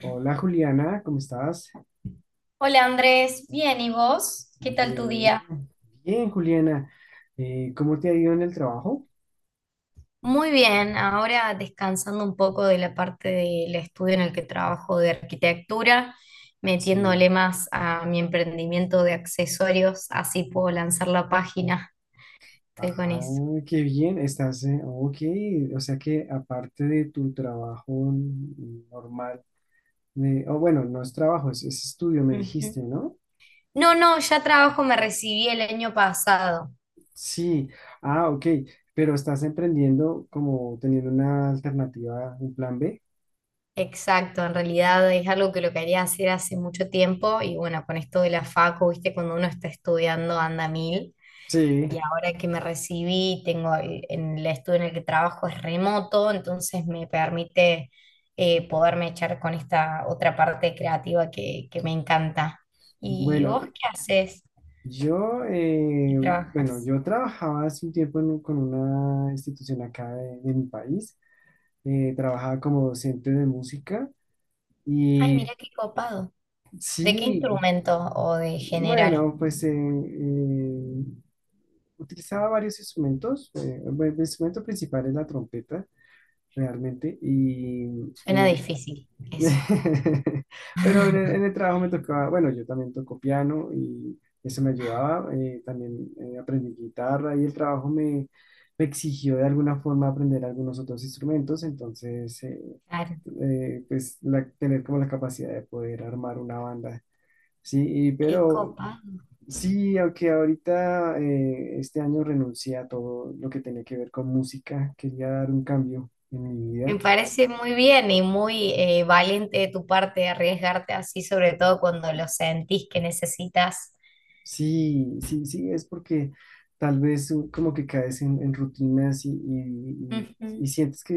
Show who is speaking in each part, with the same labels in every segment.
Speaker 1: Hola Juliana, ¿cómo estás?
Speaker 2: Hola Andrés, bien, ¿y vos? ¿Qué tal tu
Speaker 1: Bien,
Speaker 2: día?
Speaker 1: bien, Juliana. ¿Cómo te ha ido en el trabajo?
Speaker 2: Muy bien, ahora descansando un poco de la parte del estudio en el que trabajo de arquitectura,
Speaker 1: Sí.
Speaker 2: metiéndole más a mi emprendimiento de accesorios, así puedo lanzar la página. Estoy con
Speaker 1: Ah,
Speaker 2: eso.
Speaker 1: qué bien, estás, ok, o sea que aparte de tu trabajo normal, o bueno, no es trabajo, es estudio, me dijiste,
Speaker 2: Ujú.
Speaker 1: ¿no?
Speaker 2: No, no, ya trabajo, me recibí el año pasado.
Speaker 1: Sí, ah, ok, pero estás emprendiendo como teniendo una alternativa, un plan B.
Speaker 2: Exacto, en realidad es algo que lo quería hacer hace mucho tiempo y bueno, con esto de la facu, viste, cuando uno está estudiando anda a mil.
Speaker 1: Sí,
Speaker 2: Y ahora que me recibí, en el estudio en el que trabajo es remoto, entonces me permite poderme echar con esta otra parte creativa que me encanta. ¿Y
Speaker 1: bueno,
Speaker 2: vos qué haces
Speaker 1: Yo, eh,
Speaker 2: y
Speaker 1: bueno,
Speaker 2: trabajas?
Speaker 1: yo trabajaba hace un tiempo con una institución acá de mi país, trabajaba como docente de música
Speaker 2: Ay,
Speaker 1: y
Speaker 2: mira qué copado. ¿De qué
Speaker 1: sí,
Speaker 2: instrumento o de general?
Speaker 1: bueno, pues utilizaba varios instrumentos, bueno, el instrumento principal es la trompeta, realmente,
Speaker 2: Suena difícil eso.
Speaker 1: Pero en el trabajo me tocaba, bueno, yo también toco piano y eso me ayudaba, también aprendí guitarra y el trabajo me exigió de alguna forma aprender algunos otros instrumentos, entonces,
Speaker 2: Claro,
Speaker 1: pues tener como la capacidad de poder armar una banda, sí,
Speaker 2: qué
Speaker 1: pero
Speaker 2: copado.
Speaker 1: sí, aunque ahorita este año renuncié a todo lo que tenía que ver con música, quería dar un cambio en mi
Speaker 2: Me
Speaker 1: vida.
Speaker 2: parece muy bien y muy valiente de tu parte arriesgarte así, sobre todo cuando lo sentís que necesitas.
Speaker 1: Sí, sí, sí, es porque tal vez como que caes en rutinas y, y
Speaker 2: Ujú.
Speaker 1: sientes que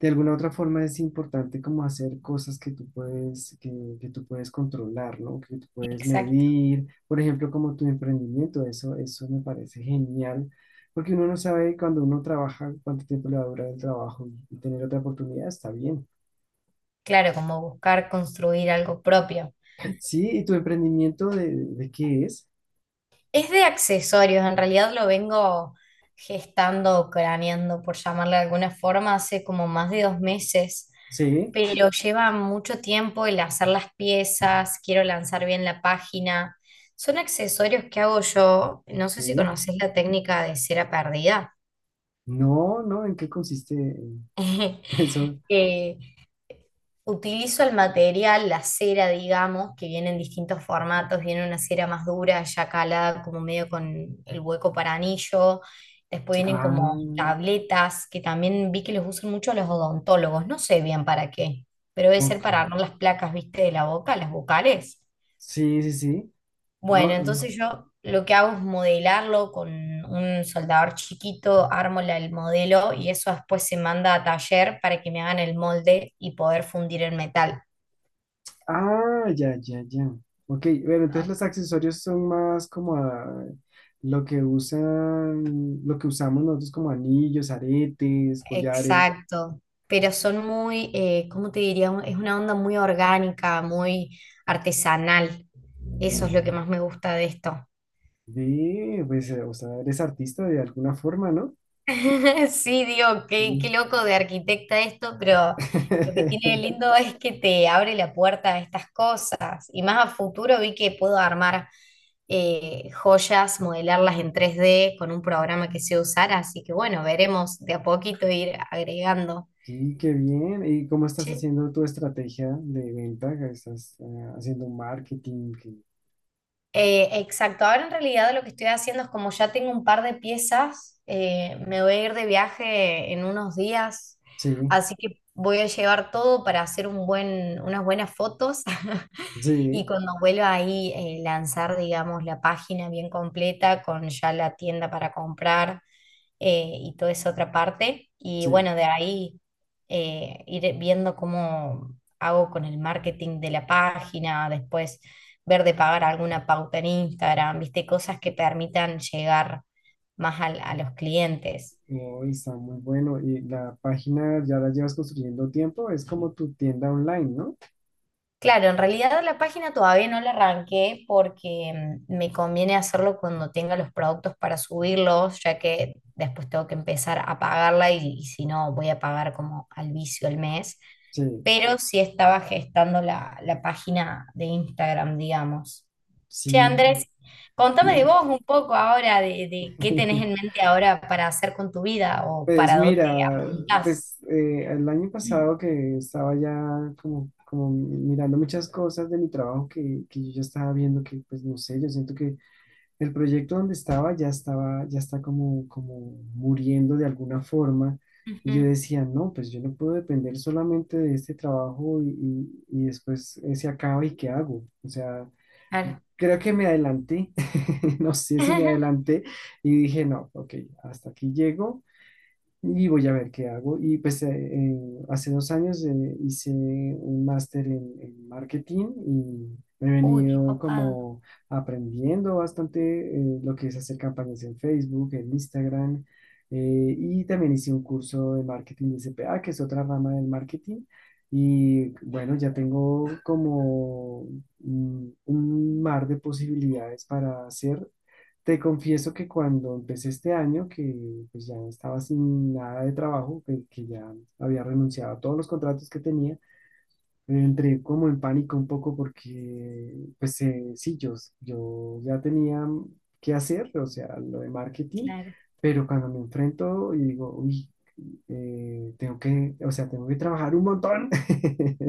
Speaker 1: de alguna u otra forma es importante como hacer cosas que tú puedes, que tú puedes controlar, ¿no? Que tú puedes
Speaker 2: Exacto.
Speaker 1: medir, por ejemplo, como tu emprendimiento, eso me parece genial, porque uno no sabe cuando uno trabaja cuánto tiempo le va a durar el trabajo y tener otra oportunidad está bien.
Speaker 2: Claro, como buscar construir algo propio.
Speaker 1: Sí, ¿y tu emprendimiento de qué es?
Speaker 2: Es de accesorios, en realidad lo vengo gestando craneando, por llamarle de alguna forma, hace como más de 2 meses,
Speaker 1: Sí,
Speaker 2: pero lleva mucho tiempo el hacer las piezas, quiero lanzar bien la página. Son accesorios que hago yo, no sé si
Speaker 1: sí.
Speaker 2: conoces la técnica de cera perdida.
Speaker 1: No, no, ¿en qué consiste? Eso.
Speaker 2: Eh, Utilizo el material, la cera, digamos, que viene en distintos formatos. Viene una cera más dura, ya calada, como medio con el hueco para anillo. Después vienen
Speaker 1: Ah,
Speaker 2: como tabletas, que también vi que los usan mucho los odontólogos. No sé bien para qué, pero debe ser
Speaker 1: ok.
Speaker 2: para armar las placas, viste, de la boca, las bucales.
Speaker 1: Sí, sí, sí. Ah,
Speaker 2: Bueno,
Speaker 1: mm.
Speaker 2: entonces yo lo que hago es modelarlo con un soldador chiquito, armo el modelo y eso después se manda a taller para que me hagan el molde y poder fundir el metal.
Speaker 1: Ah, ya, ya, ya. Ok, bueno, entonces los accesorios son más como lo que usamos nosotros como anillos, aretes, collares.
Speaker 2: Exacto, pero son muy, ¿cómo te diría? Es una onda muy orgánica, muy artesanal. Eso es lo que
Speaker 1: Mm.
Speaker 2: más me gusta de esto.
Speaker 1: Ve, pues, o sea, eres artista de alguna forma, ¿no?
Speaker 2: Sí, digo, qué
Speaker 1: Sí.
Speaker 2: loco de arquitecta esto, pero lo que tiene de lindo es que te abre la puerta a estas cosas. Y más a futuro vi que puedo armar joyas, modelarlas en 3D con un programa que sé usar, así que bueno, veremos de a poquito ir agregando.
Speaker 1: Sí, qué bien. ¿Y cómo estás haciendo tu estrategia de venta? ¿Estás haciendo un marketing?
Speaker 2: Exacto, ahora en realidad lo que estoy haciendo es como ya tengo un par de piezas, me voy a ir de viaje en unos días,
Speaker 1: Sí,
Speaker 2: así que voy a llevar todo para hacer un buen, unas buenas fotos y
Speaker 1: sí,
Speaker 2: cuando vuelva ahí lanzar, digamos, la página bien completa con ya la tienda para comprar, y toda esa otra parte. Y
Speaker 1: sí.
Speaker 2: bueno, de ahí ir viendo cómo hago con el marketing de la página, después ver de pagar alguna pauta en Instagram, viste, cosas que permitan llegar más a los clientes.
Speaker 1: Oh, está muy bueno. Y la página ya la llevas construyendo tiempo, es como tu tienda online, ¿no?
Speaker 2: Claro, en realidad la página todavía no la arranqué porque me conviene hacerlo cuando tenga los productos para subirlos, ya que después tengo que empezar a pagarla y si no voy a pagar como al vicio el mes.
Speaker 1: Sí,
Speaker 2: Pero sí estaba gestando la página de Instagram, digamos. Che,
Speaker 1: sí.
Speaker 2: Andrés, contame de vos un poco ahora, de qué tenés en mente ahora para hacer con tu vida o
Speaker 1: Pues
Speaker 2: para dónde
Speaker 1: mira,
Speaker 2: apuntás.
Speaker 1: pues el año pasado que estaba ya como mirando muchas cosas de mi trabajo que yo ya estaba viendo que, pues no sé, yo siento que el proyecto donde estaba ya está como muriendo de alguna forma. Y yo
Speaker 2: Ujú,
Speaker 1: decía, no, pues yo no puedo depender solamente de este trabajo y después se acaba y ¿qué hago? O sea,
Speaker 2: claro.
Speaker 1: creo que me adelanté, no sé si me adelanté y dije, no, ok, hasta aquí llego y voy a ver qué hago. Y pues hace 2 años hice un máster en marketing y he
Speaker 2: Uy, qué
Speaker 1: venido
Speaker 2: copado,
Speaker 1: como aprendiendo bastante lo que es hacer campañas en Facebook, en Instagram. Y también hice un curso de marketing de CPA, que es otra rama del marketing. Y bueno, ya tengo como un mar de posibilidades para hacer. Te confieso que cuando empecé este año, que pues ya estaba sin nada de trabajo, que ya había renunciado a todos los contratos que tenía, entré como en pánico un poco porque, pues sí, yo ya tenía que hacer, o sea, lo de marketing,
Speaker 2: claro.
Speaker 1: pero cuando me enfrento y digo, uy, tengo que, o sea, tengo que trabajar un montón.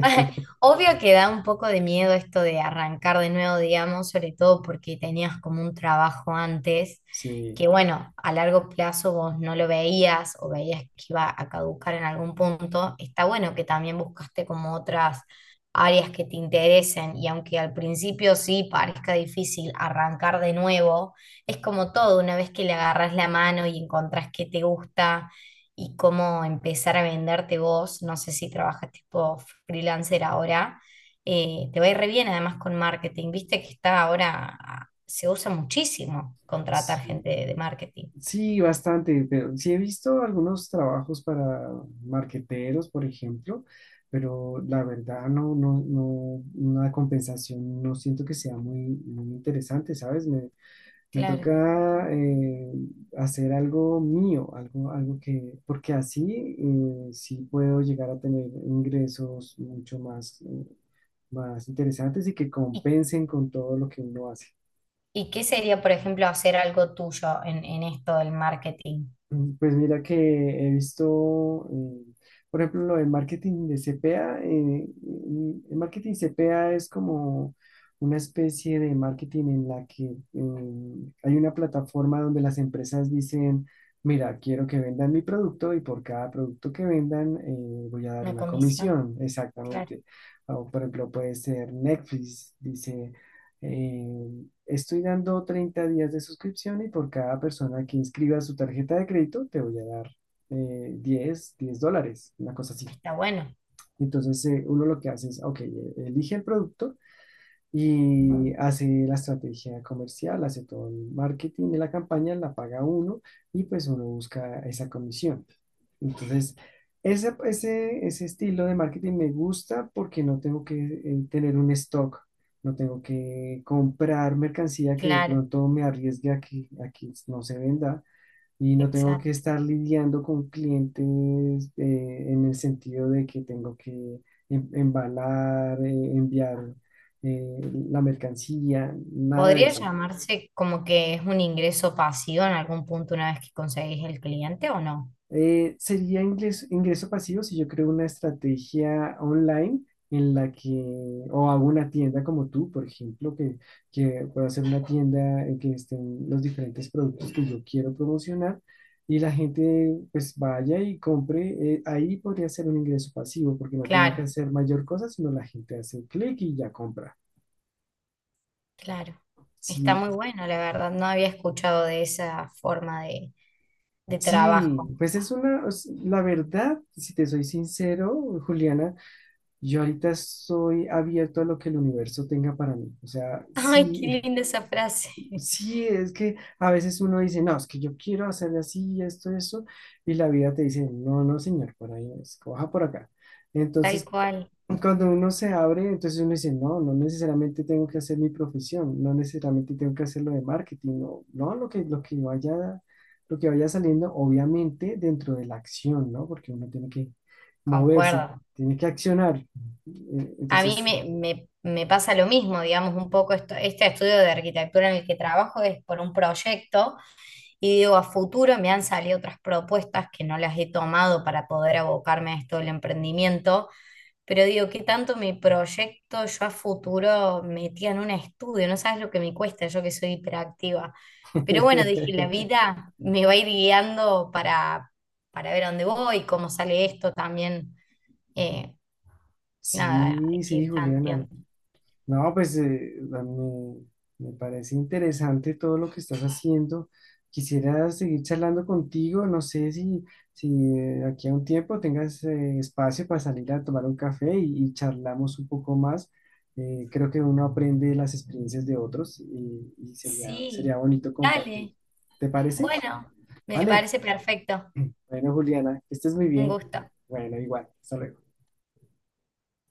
Speaker 2: Obvio que da un poco de miedo esto de arrancar de nuevo, digamos, sobre todo porque tenías como un trabajo antes
Speaker 1: Sí,
Speaker 2: que, bueno, a largo plazo vos no lo veías o veías que iba a caducar en algún punto. Está bueno que también buscaste como otras áreas que te interesen y aunque al principio sí parezca difícil arrancar de nuevo, es como todo, una vez que le agarras la mano y encontrás qué te gusta y cómo empezar a venderte vos. No sé si trabajas tipo freelancer ahora. Te va a ir re bien además con marketing. Viste que está ahora, ah, se usa muchísimo contratar
Speaker 1: sí.
Speaker 2: gente de marketing.
Speaker 1: Sí, bastante, pero sí he visto algunos trabajos para marqueteros, por ejemplo, pero la verdad no, no, no, una compensación no siento que sea muy, muy interesante, ¿sabes? Me
Speaker 2: Claro.
Speaker 1: toca hacer algo mío, algo que, porque así sí puedo llegar a tener ingresos mucho más, más interesantes y que
Speaker 2: ¿Y,
Speaker 1: compensen con todo lo que uno hace.
Speaker 2: y qué sería, por ejemplo, hacer algo tuyo en esto del marketing?
Speaker 1: Pues mira que he visto, por ejemplo, lo del marketing de CPA. Mm, el marketing CPA es como una especie de marketing en la que hay una plataforma donde las empresas dicen, mira, quiero que vendan mi producto y por cada producto que vendan voy a dar
Speaker 2: Una
Speaker 1: una
Speaker 2: comisión.
Speaker 1: comisión,
Speaker 2: Claro.
Speaker 1: exactamente. O, por ejemplo, puede ser Netflix, dice... eh, Estoy dando 30 días de suscripción y por cada persona que inscriba su tarjeta de crédito te voy a dar 10 $10, una cosa así.
Speaker 2: Está bueno.
Speaker 1: Entonces uno lo que hace es, ok, elige el producto y hace la estrategia comercial, hace todo el marketing de la campaña, la paga uno y pues uno busca esa comisión. Entonces, ese estilo de marketing me gusta porque no tengo que tener un stock, no tengo que comprar mercancía que de
Speaker 2: Claro,
Speaker 1: pronto me arriesgue a que, no se venda y no tengo que
Speaker 2: exacto.
Speaker 1: estar lidiando con clientes en el sentido de que tengo que embalar, enviar eh, la mercancía, nada de
Speaker 2: Podría
Speaker 1: eso.
Speaker 2: llamarse como que es un ingreso pasivo en algún punto una vez que conseguís el cliente o no.
Speaker 1: Sería ingreso pasivo si yo creo una estrategia online en la que, o hago una tienda como tú, por ejemplo, que pueda hacer una tienda en que estén los diferentes productos que yo quiero promocionar y la gente pues vaya y compre. Ahí podría ser un ingreso pasivo porque no tengo que
Speaker 2: Claro.
Speaker 1: hacer mayor cosa, sino la gente hace clic y ya compra.
Speaker 2: Claro, está
Speaker 1: Sí,
Speaker 2: muy bueno, la verdad. No había escuchado de esa forma de trabajo.
Speaker 1: sí, pues es una, la verdad, si te soy sincero, Juliana. Yo ahorita estoy abierto a lo que el universo tenga para mí. O sea,
Speaker 2: Ay, qué
Speaker 1: sí,
Speaker 2: linda esa frase.
Speaker 1: sí, es que a veces uno dice, no, es que yo quiero hacer así, esto, eso, y la vida te dice, no, no, señor, por ahí no es, coja por acá.
Speaker 2: Tal
Speaker 1: Entonces,
Speaker 2: cual.
Speaker 1: cuando uno se abre, entonces uno dice, no, no necesariamente tengo que hacer mi profesión, no necesariamente tengo que hacer lo de marketing, no, no, lo que vaya saliendo, obviamente dentro de la acción, ¿no? Porque uno tiene que moverse,
Speaker 2: Concuerdo.
Speaker 1: tiene que accionar. Eh,
Speaker 2: A mí
Speaker 1: Entonces,
Speaker 2: me pasa lo mismo, digamos, un poco este estudio de arquitectura en el que trabajo es por un proyecto y digo, a futuro me han salido otras propuestas que no las he tomado para poder abocarme a esto del emprendimiento, pero digo, ¿qué tanto mi proyecto yo a futuro metía en un estudio? No sabes lo que me cuesta, yo que soy hiperactiva. Pero bueno, dije, la vida me va a ir guiando para ver a dónde voy, cómo sale esto también. Eh, Nada, hay
Speaker 1: sí,
Speaker 2: que
Speaker 1: sí,
Speaker 2: ir
Speaker 1: Juliana.
Speaker 2: tanteando.
Speaker 1: No, pues a mí me parece interesante todo lo que estás haciendo. Quisiera seguir charlando contigo. No sé si aquí a un tiempo tengas espacio para salir a tomar un café y charlamos un poco más. Creo que uno aprende de las experiencias de otros y
Speaker 2: Sí,
Speaker 1: sería bonito compartir.
Speaker 2: dale.
Speaker 1: ¿Te parece?
Speaker 2: Bueno, me
Speaker 1: Vale.
Speaker 2: parece perfecto.
Speaker 1: Bueno, Juliana, que estés muy
Speaker 2: Un
Speaker 1: bien.
Speaker 2: gusto.
Speaker 1: Bueno, igual. Hasta luego.